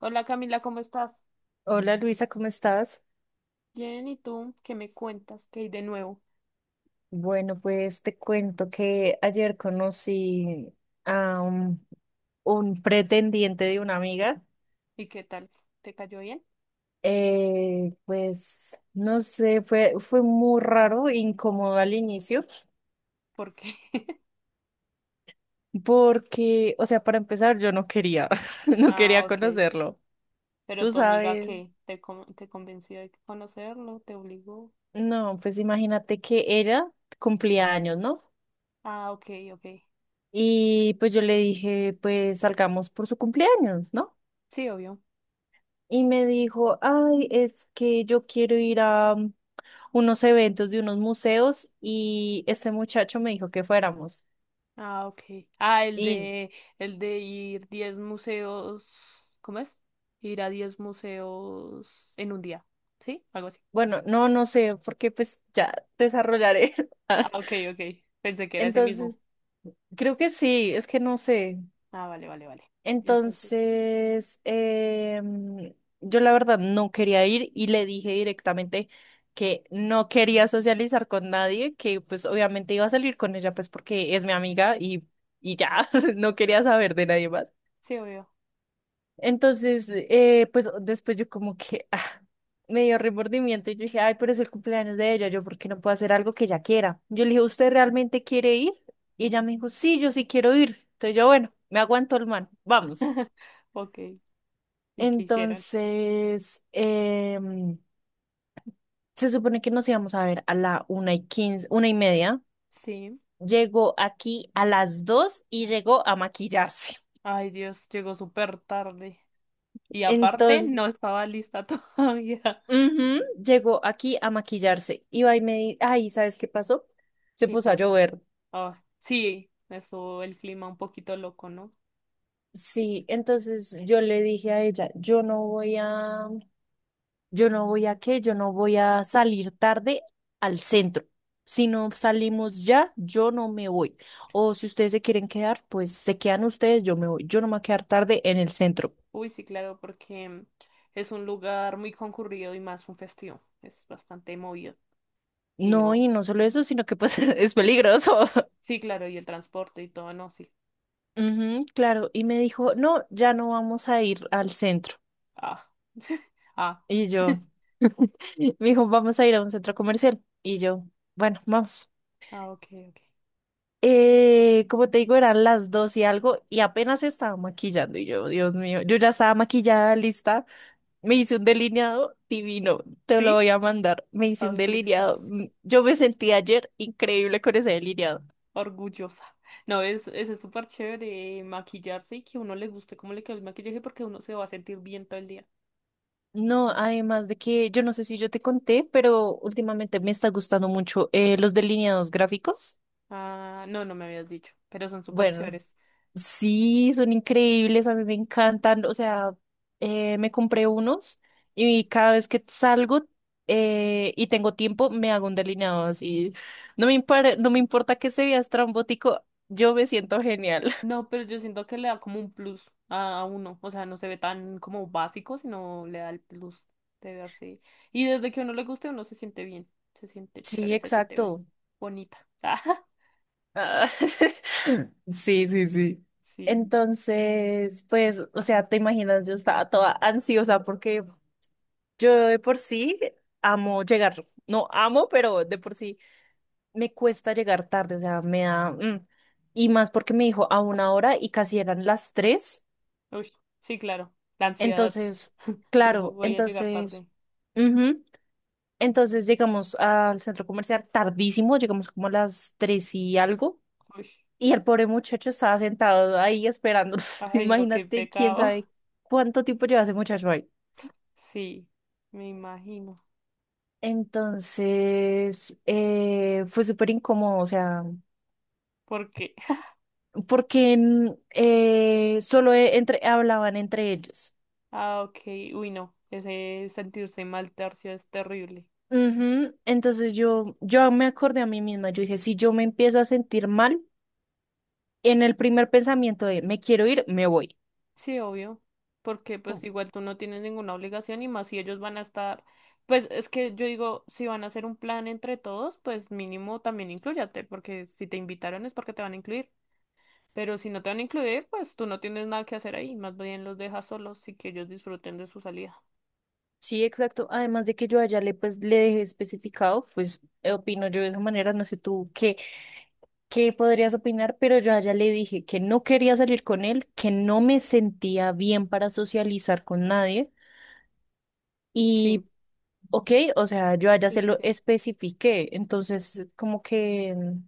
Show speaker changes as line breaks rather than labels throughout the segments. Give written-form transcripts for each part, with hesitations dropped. Hola Camila, ¿cómo estás?
Hola Luisa, ¿cómo estás?
Bien, ¿y tú? ¿Qué me cuentas? ¿Qué hay de nuevo?
Bueno, pues te cuento que ayer conocí a un, un pretendiente de una amiga.
¿Y qué tal? ¿Te cayó bien?
Pues no sé, fue muy raro, incómodo al inicio,
¿Por qué?
porque, o sea, para empezar, yo no quería, no
Ah,
quería
ok.
conocerlo.
Pero
Tú
tu amiga,
sabes,
¿qué? ¿Te convenció de conocerlo? ¿Te obligó?
no, pues imagínate que ella cumplía años, ¿no?
Ah, ok, ok.
Y pues yo le dije, pues salgamos por su cumpleaños, ¿no?
Sí, obvio.
Y me dijo, ay, es que yo quiero ir a unos eventos de unos museos y este muchacho me dijo que fuéramos.
Ah, ok. Ah, el
Y
de, el de ir 10 museos, ¿cómo es? Ir a 10 museos en un día, ¿sí? Algo así.
bueno, no, no sé, porque pues ya desarrollaré.
Ah, ok, ok. Pensé que era ese mismo.
Entonces, creo que sí, es que no sé.
Ah, vale, vale, vale. Entonces,
Entonces, yo la verdad no quería ir y le dije directamente que no quería socializar con nadie, que pues obviamente iba a salir con ella pues porque es mi amiga y ya, no quería saber de nadie más.
sí, obvio.
Entonces, pues después yo como que ah, me dio remordimiento y yo dije, ay, pero es el cumpleaños de ella, yo por qué no puedo hacer algo que ella quiera. Yo le dije, ¿usted realmente quiere ir? Y ella me dijo, sí, yo sí quiero ir. Entonces yo, bueno, me aguanto el man, vamos.
Ok. ¿Y qué hicieron?
Entonces, se supone que nos íbamos a ver a la una y quince, una y media.
Sí.
Llegó aquí a las dos y llegó a maquillarse.
Ay, Dios, llegó súper tarde. Y aparte,
Entonces,
no estaba lista todavía.
ujú, llegó aquí a maquillarse. Iba y me di, ay, ¿sabes qué pasó? Se
¿Qué
puso a
pasó?
llover.
Ah, sí, eso, el clima un poquito loco, ¿no?
Sí, entonces yo le dije a ella, yo no voy a qué, yo no voy a salir tarde al centro. Si no salimos ya, yo no me voy. O si ustedes se quieren quedar, pues se quedan ustedes, yo me voy. Yo no me voy a quedar tarde en el centro.
Uy, sí, claro, porque es un lugar muy concurrido y más un festivo. Es bastante movido. Y
No,
no.
y no solo eso, sino que pues es peligroso.
Sí, claro, y el transporte y todo, no, sí.
Ujú, claro, y me dijo, no, ya no vamos a ir al centro.
Ah. Ah.
Y yo, me dijo, vamos a ir a un centro comercial. Y yo, bueno, vamos.
Ah, ok, ok.
Como te digo, eran las dos y algo y apenas estaba maquillando y yo, Dios mío, yo ya estaba maquillada, lista. Me hice un delineado divino, te lo
¿Sí?
voy a mandar. Me hice
Ah,
un
listo.
delineado. Yo me sentí ayer increíble con ese delineado.
Orgullosa. No, es súper chévere maquillarse y que uno le guste cómo le queda el maquillaje porque uno se va a sentir bien todo el día.
No, además de que yo no sé si yo te conté, pero últimamente me está gustando mucho los delineados gráficos.
Ah, no, no me habías dicho, pero son súper
Bueno,
chéveres.
sí, son increíbles, a mí me encantan. O sea, me compré unos y cada vez que salgo y tengo tiempo, me hago un delineado así. No me importa que se vea estrambótico, yo me siento genial.
No, pero yo siento que le da como un plus a uno. O sea, no se ve tan como básico, sino le da el plus de verse. Y desde que a uno le guste, uno se siente bien, se siente
Sí,
chévere, se siente
exacto.
bonita.
Ah, sí, sí, sí.
Sí,
Entonces, pues, o sea, te imaginas, yo estaba toda ansiosa porque yo de por sí amo llegar. No amo, pero de por sí me cuesta llegar tarde, o sea, me da... Y más porque me dijo a una hora y casi eran las tres.
uy, sí, claro, la ansiedad.
Entonces,
Te
claro,
voy a llegar
entonces,
tarde.
ujú, entonces llegamos al centro comercial tardísimo, llegamos como a las tres y algo.
Uy.
Y el pobre muchacho estaba sentado ahí esperándonos.
Ay, no, qué
Imagínate quién
pecado.
sabe cuánto tiempo lleva ese muchacho ahí.
Sí, me imagino.
Entonces, fue súper incómodo, o sea,
Porque,
porque entre, hablaban entre ellos.
ah, ok, uy, no, ese sentirse mal tercio es terrible.
Ujú, entonces yo me acordé a mí misma, yo dije, si yo me empiezo a sentir mal, en el primer pensamiento de me quiero ir, me voy.
Sí, obvio, porque pues
Pum.
igual tú no tienes ninguna obligación y más si ellos van a estar, pues es que yo digo, si van a hacer un plan entre todos, pues mínimo también inclúyate, porque si te invitaron es porque te van a incluir. Pero si no te van a incluir, pues tú no tienes nada que hacer ahí, más bien los dejas solos y que ellos disfruten de su salida.
Sí, exacto. Además de que yo allá le pues le dejé especificado, pues opino yo de esa manera, no sé tú qué qué podrías opinar, pero yo a ella le dije que no quería salir con él, que no me sentía bien para socializar con nadie
Sí,
y, ok, o sea, yo a ella
sí,
se
sí,
lo
sí.
especifiqué, entonces como que,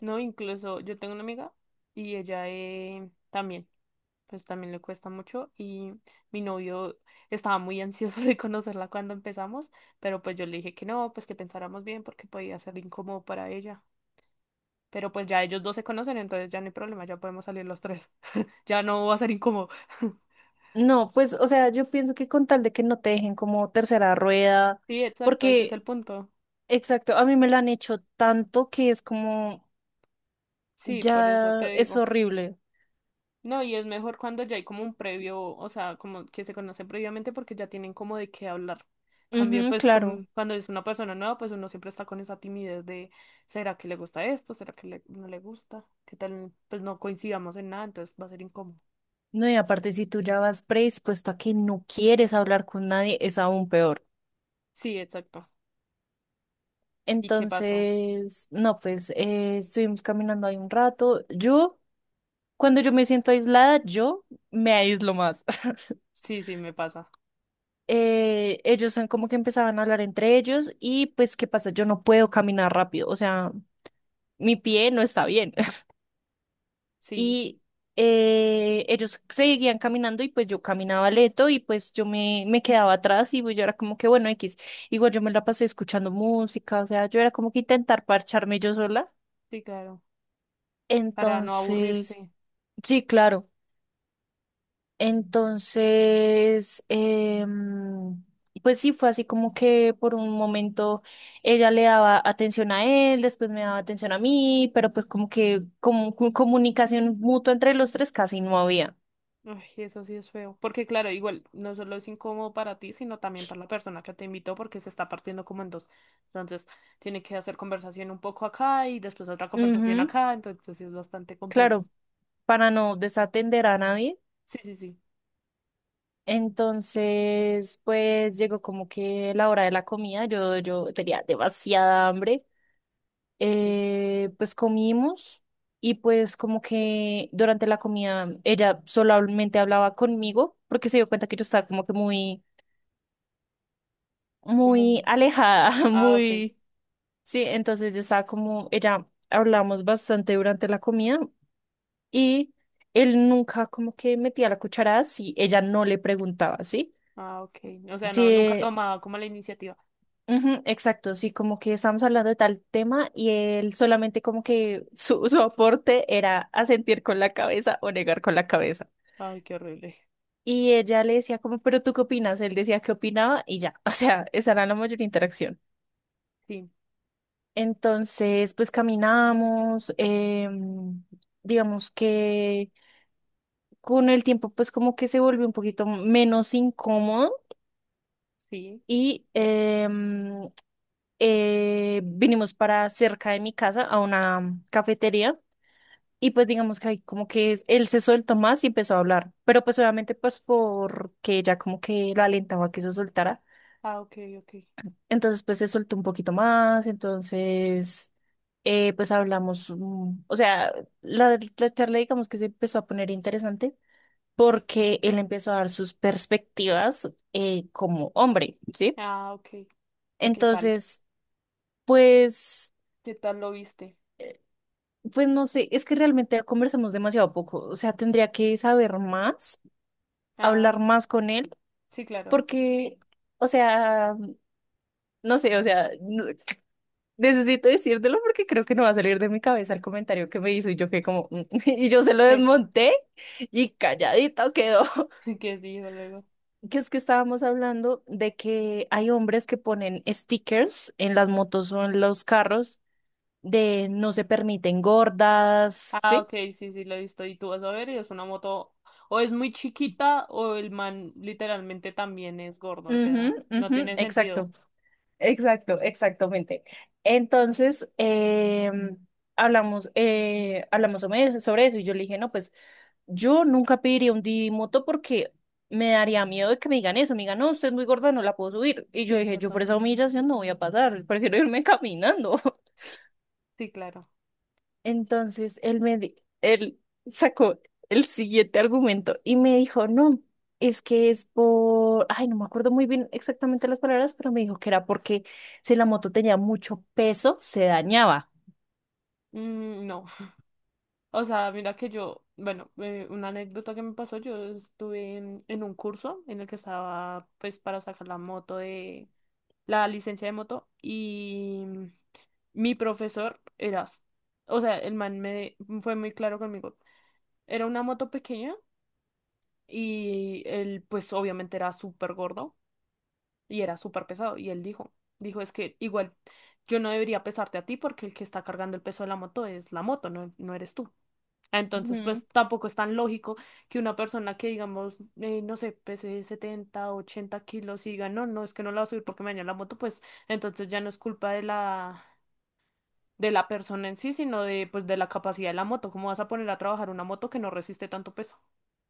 No, incluso yo tengo una amiga y ella también, pues también le cuesta mucho y mi novio estaba muy ansioso de conocerla cuando empezamos, pero pues yo le dije que no, pues que pensáramos bien porque podía ser incómodo para ella. Pero pues ya ellos dos se conocen, entonces ya no hay problema, ya podemos salir los tres. Ya no va a ser incómodo.
no, pues, o sea, yo pienso que con tal de que no te dejen como tercera rueda,
Sí, exacto, ese es el
porque,
punto.
exacto, a mí me la han hecho tanto que es como,
Sí, por eso te
ya es
digo.
horrible.
No, y es mejor cuando ya hay como un previo, o sea, como que se conoce previamente porque ya tienen como de qué hablar. Cambio,
Ujú,
pues
claro.
cuando es una persona nueva, pues uno siempre está con esa timidez de, ¿será que le gusta esto? ¿Será que no le gusta? ¿Qué tal? Pues no coincidamos en nada, entonces va a ser incómodo.
No, y aparte si tú ya vas predispuesto a que no quieres hablar con nadie, es aún peor.
Sí, exacto. ¿Y qué pasó?
Entonces, no, pues estuvimos caminando ahí un rato. Yo, cuando yo me siento aislada, yo me aíslo más.
Sí, sí, me pasa.
Ellos son como que empezaban a hablar entre ellos y pues, ¿qué pasa? Yo no puedo caminar rápido, o sea, mi pie no está bien.
Sí,
Y ellos seguían caminando y pues yo caminaba lento y pues me quedaba atrás y pues, yo era como que, bueno, X, igual yo me la pasé escuchando música, o sea, yo era como que intentar parcharme yo sola.
sí, claro. Para no
Entonces...
aburrirse.
Sí, claro. Entonces, pues sí, fue así como que por un momento ella le daba atención a él, después me daba atención a mí, pero pues como que como, comunicación mutua entre los tres casi no había.
Ay, eso sí es feo. Porque claro, igual no solo es incómodo para ti, sino también para la persona que te invitó porque se está partiendo como en dos. Entonces, tiene que hacer conversación un poco acá y después otra conversación
Ujú,
acá. Entonces, sí es bastante complejo.
claro, para no desatender a nadie.
Sí, sí, sí.
Entonces, pues llegó como que la hora de la comida, yo tenía demasiada hambre.
Sí.
Pues comimos y pues como que durante la comida ella solamente hablaba conmigo porque se dio cuenta que yo estaba como que muy, muy
Como...
alejada,
Ah, ok.
muy, sí, entonces yo estaba como, ella hablamos bastante durante la comida y él nunca como que metía la cuchara si ella no le preguntaba, ¿sí?
Ah, ok. O sea, no, nunca
Sí,
tomaba como la iniciativa.
ujú, exacto, sí, como que estamos hablando de tal tema y él solamente como que su aporte era asentir con la cabeza o negar con la cabeza.
Ay, qué horrible.
Y ella le decía como, pero ¿tú qué opinas? Él decía que opinaba y ya, o sea, esa era la mayor interacción.
Sí,
Entonces, pues caminamos, digamos que con el tiempo pues como que se volvió un poquito menos incómodo
sí.
y vinimos para cerca de mi casa a una cafetería. Y pues digamos que ahí como que él se soltó más y empezó a hablar, pero pues obviamente pues porque ella como que lo alentaba a que se soltara,
Ah, ok, ok.
entonces pues se soltó un poquito más, entonces pues hablamos, o sea, la charla digamos que se empezó a poner interesante porque él empezó a dar sus perspectivas como hombre, ¿sí?
Ah, ok. ¿Y qué tal?
Entonces, pues,
¿Qué tal lo viste?
pues no sé, es que realmente conversamos demasiado poco, o sea, tendría que saber más, hablar
Ah,
más con él.
sí, claro.
Porque, o sea, no sé, o sea, necesito decírtelo porque creo que no va a salir de mi cabeza el comentario que me hizo y yo que como, "Mm", y yo se lo
¿Qué?
desmonté y calladito quedó.
¿Qué dijo luego?
Que es que estábamos hablando de que hay hombres que ponen stickers en las motos o en los carros de no se permiten gordas,
Ah, ok,
¿sí?
sí, sí, la he visto. Y tú vas a ver, y es una moto, o es muy chiquita, o el man literalmente también es gordo, o sea,
Ujú,
no
ujú,
tiene sentido.
exacto. Exacto, exactamente. Entonces, hablamos, sobre eso y yo le dije, no, pues yo nunca pediría un Didi Moto porque me daría miedo de que me digan eso. Me digan, no, usted es muy gorda, no la puedo subir. Y
Sí,
yo dije, yo por
exacto.
esa humillación no voy a pasar, prefiero irme caminando.
Sí, claro.
Entonces él me di- él sacó el siguiente argumento y me dijo, no, es que es por, ay, no me acuerdo muy bien exactamente las palabras, pero me dijo que era porque si la moto tenía mucho peso, se dañaba.
Mm, no. O sea, mira que yo, bueno, una anécdota que me pasó, yo estuve en un curso en el que estaba, pues, para sacar la moto de, la licencia de moto, y mi profesor era, o sea, el man me fue muy claro conmigo. Era una moto pequeña. Y él, pues obviamente era súper gordo y era súper pesado. Y él dijo, dijo, es que igual yo no debería pesarte a ti porque el que está cargando el peso de la moto es la moto, no, no eres tú. Entonces,
Ujú,
pues tampoco es tan lógico que una persona que, digamos, no sé, pese 70 u 80 kilos y diga, no, no, es que no la voy a subir porque me dañó la moto, pues entonces ya no es culpa de la persona en sí, sino de, pues, de la capacidad de la moto. ¿Cómo vas a poner a trabajar una moto que no resiste tanto peso?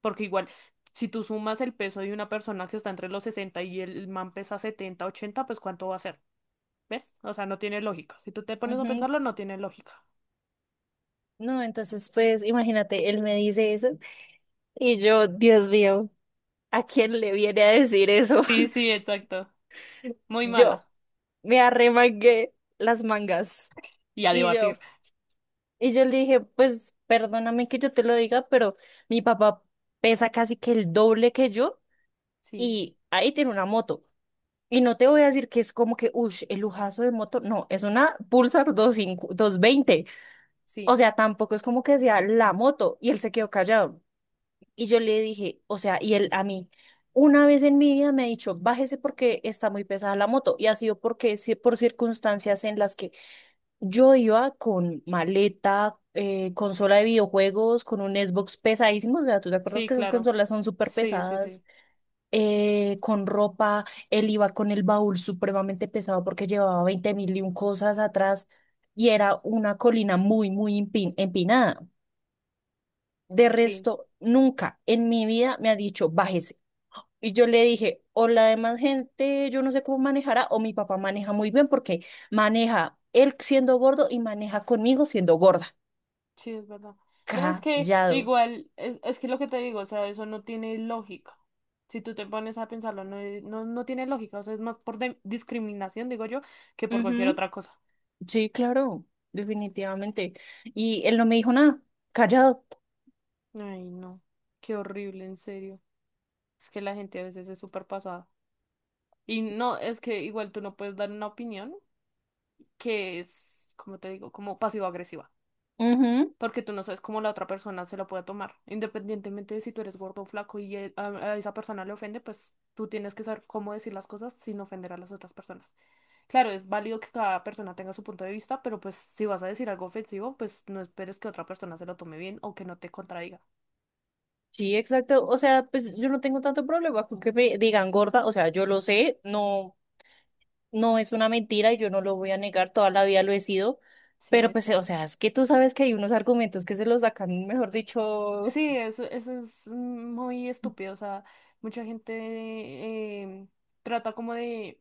Porque igual, si tú sumas el peso de una persona que está entre los 60 y el man pesa 70, 80, pues ¿cuánto va a ser? ¿Ves? O sea, no tiene lógica. Si tú te pones a
ujú.
pensarlo, no tiene lógica.
No, entonces pues imagínate, él me dice eso y yo, Dios mío, ¿a quién le viene a decir eso?
Sí, sí, exacto. Muy
Yo
mala.
me arremangué las mangas
Y a
y yo...
debatir.
Y yo le dije, pues perdóname que yo te lo diga, pero mi papá pesa casi que el doble que yo
Sí,
y ahí tiene una moto. Y no te voy a decir que es como que, uff, el lujazo de moto. No, es una Pulsar 25 veinte. O
sí,
sea, tampoco es como que sea la moto. Y él se quedó callado. Y yo le dije, o sea, y él a mí, una vez en mi vida me ha dicho, bájese porque está muy pesada la moto. Y ha sido porque, sí, por circunstancias en las que yo iba con maleta, consola de videojuegos, con un Xbox pesadísimo. O sea, ¿tú te acuerdas
sí,
que esas
claro.
consolas son súper
Sí, sí,
pesadas?
sí.
Con ropa, él iba con el baúl supremamente pesado porque llevaba 20 mil y un cosas atrás y era una colina muy empinada. De
Sí.
resto, nunca en mi vida me ha dicho, bájese. Y yo le dije, o la demás gente, yo no sé cómo manejará, o mi papá maneja muy bien porque maneja él siendo gordo y maneja conmigo siendo gorda.
Sí, es verdad. No, es que
Callado.
igual, es que lo que te digo, o sea, eso no tiene lógica. Si tú te pones a pensarlo, no, no, no tiene lógica. O sea, es más por discriminación, digo yo, que por cualquier
Ujú.
otra cosa.
Sí, claro, definitivamente. Y él no me dijo nada, callado.
Ay, no. Qué horrible, en serio. Es que la gente a veces es súper pasada. Y no, es que igual tú no puedes dar una opinión que es, como te digo, como pasivo-agresiva.
Ujú.
Porque tú no sabes cómo la otra persona se lo puede tomar. Independientemente de si tú eres gordo o flaco y a esa persona le ofende, pues tú tienes que saber cómo decir las cosas sin ofender a las otras personas. Claro, es válido que cada persona tenga su punto de vista, pero pues si vas a decir algo ofensivo, pues no esperes que otra persona se lo tome bien o que no te contradiga.
Sí, exacto. O sea, pues yo no tengo tanto problema con que me digan gorda. O sea, yo lo sé, no, no es una mentira y yo no lo voy a negar, toda la vida lo he sido.
Sí,
Pero pues, o
exacto.
sea, es que tú sabes que hay unos argumentos que se los sacan, mejor dicho.
Sí, eso es muy estúpido. O sea, mucha gente em, trata como de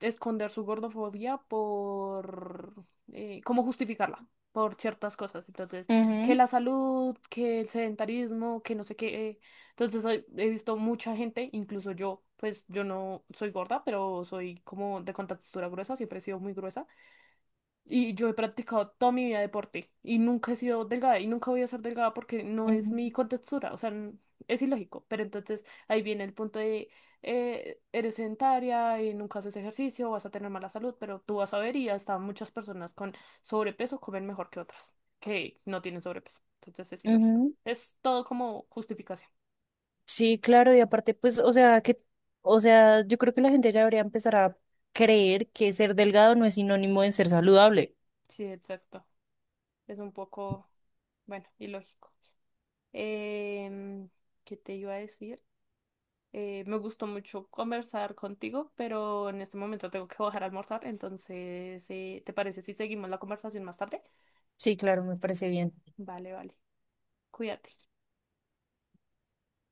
esconder su gordofobia por cómo justificarla por ciertas cosas. Entonces, que
Ujú.
la salud, que el sedentarismo, que no sé qué. Entonces, he visto mucha gente, incluso yo, pues yo no soy gorda, pero soy como de contextura gruesa, siempre he sido muy gruesa. Y yo he practicado toda mi vida deporte y nunca he sido delgada y nunca voy a ser delgada porque no es
Ujú.
mi contextura, o sea, es ilógico. Pero entonces ahí viene el punto de, eres sedentaria y nunca haces ejercicio, vas a tener mala salud, pero tú vas a ver y hasta muchas personas con sobrepeso comen mejor que otras que no tienen sobrepeso. Entonces es ilógico.
Ujú.
Es todo como justificación.
Sí, claro, y aparte, pues, o sea, que, o sea, yo creo que la gente ya debería empezar a creer que ser delgado no es sinónimo de ser saludable.
Sí, exacto. Es un poco, bueno, ilógico. Em, ¿qué te iba a decir? Me gustó mucho conversar contigo, pero en este momento tengo que bajar a almorzar, entonces, ¿te parece si seguimos la conversación más tarde?
Sí, claro, me parece bien.
Vale, vale. Cuídate.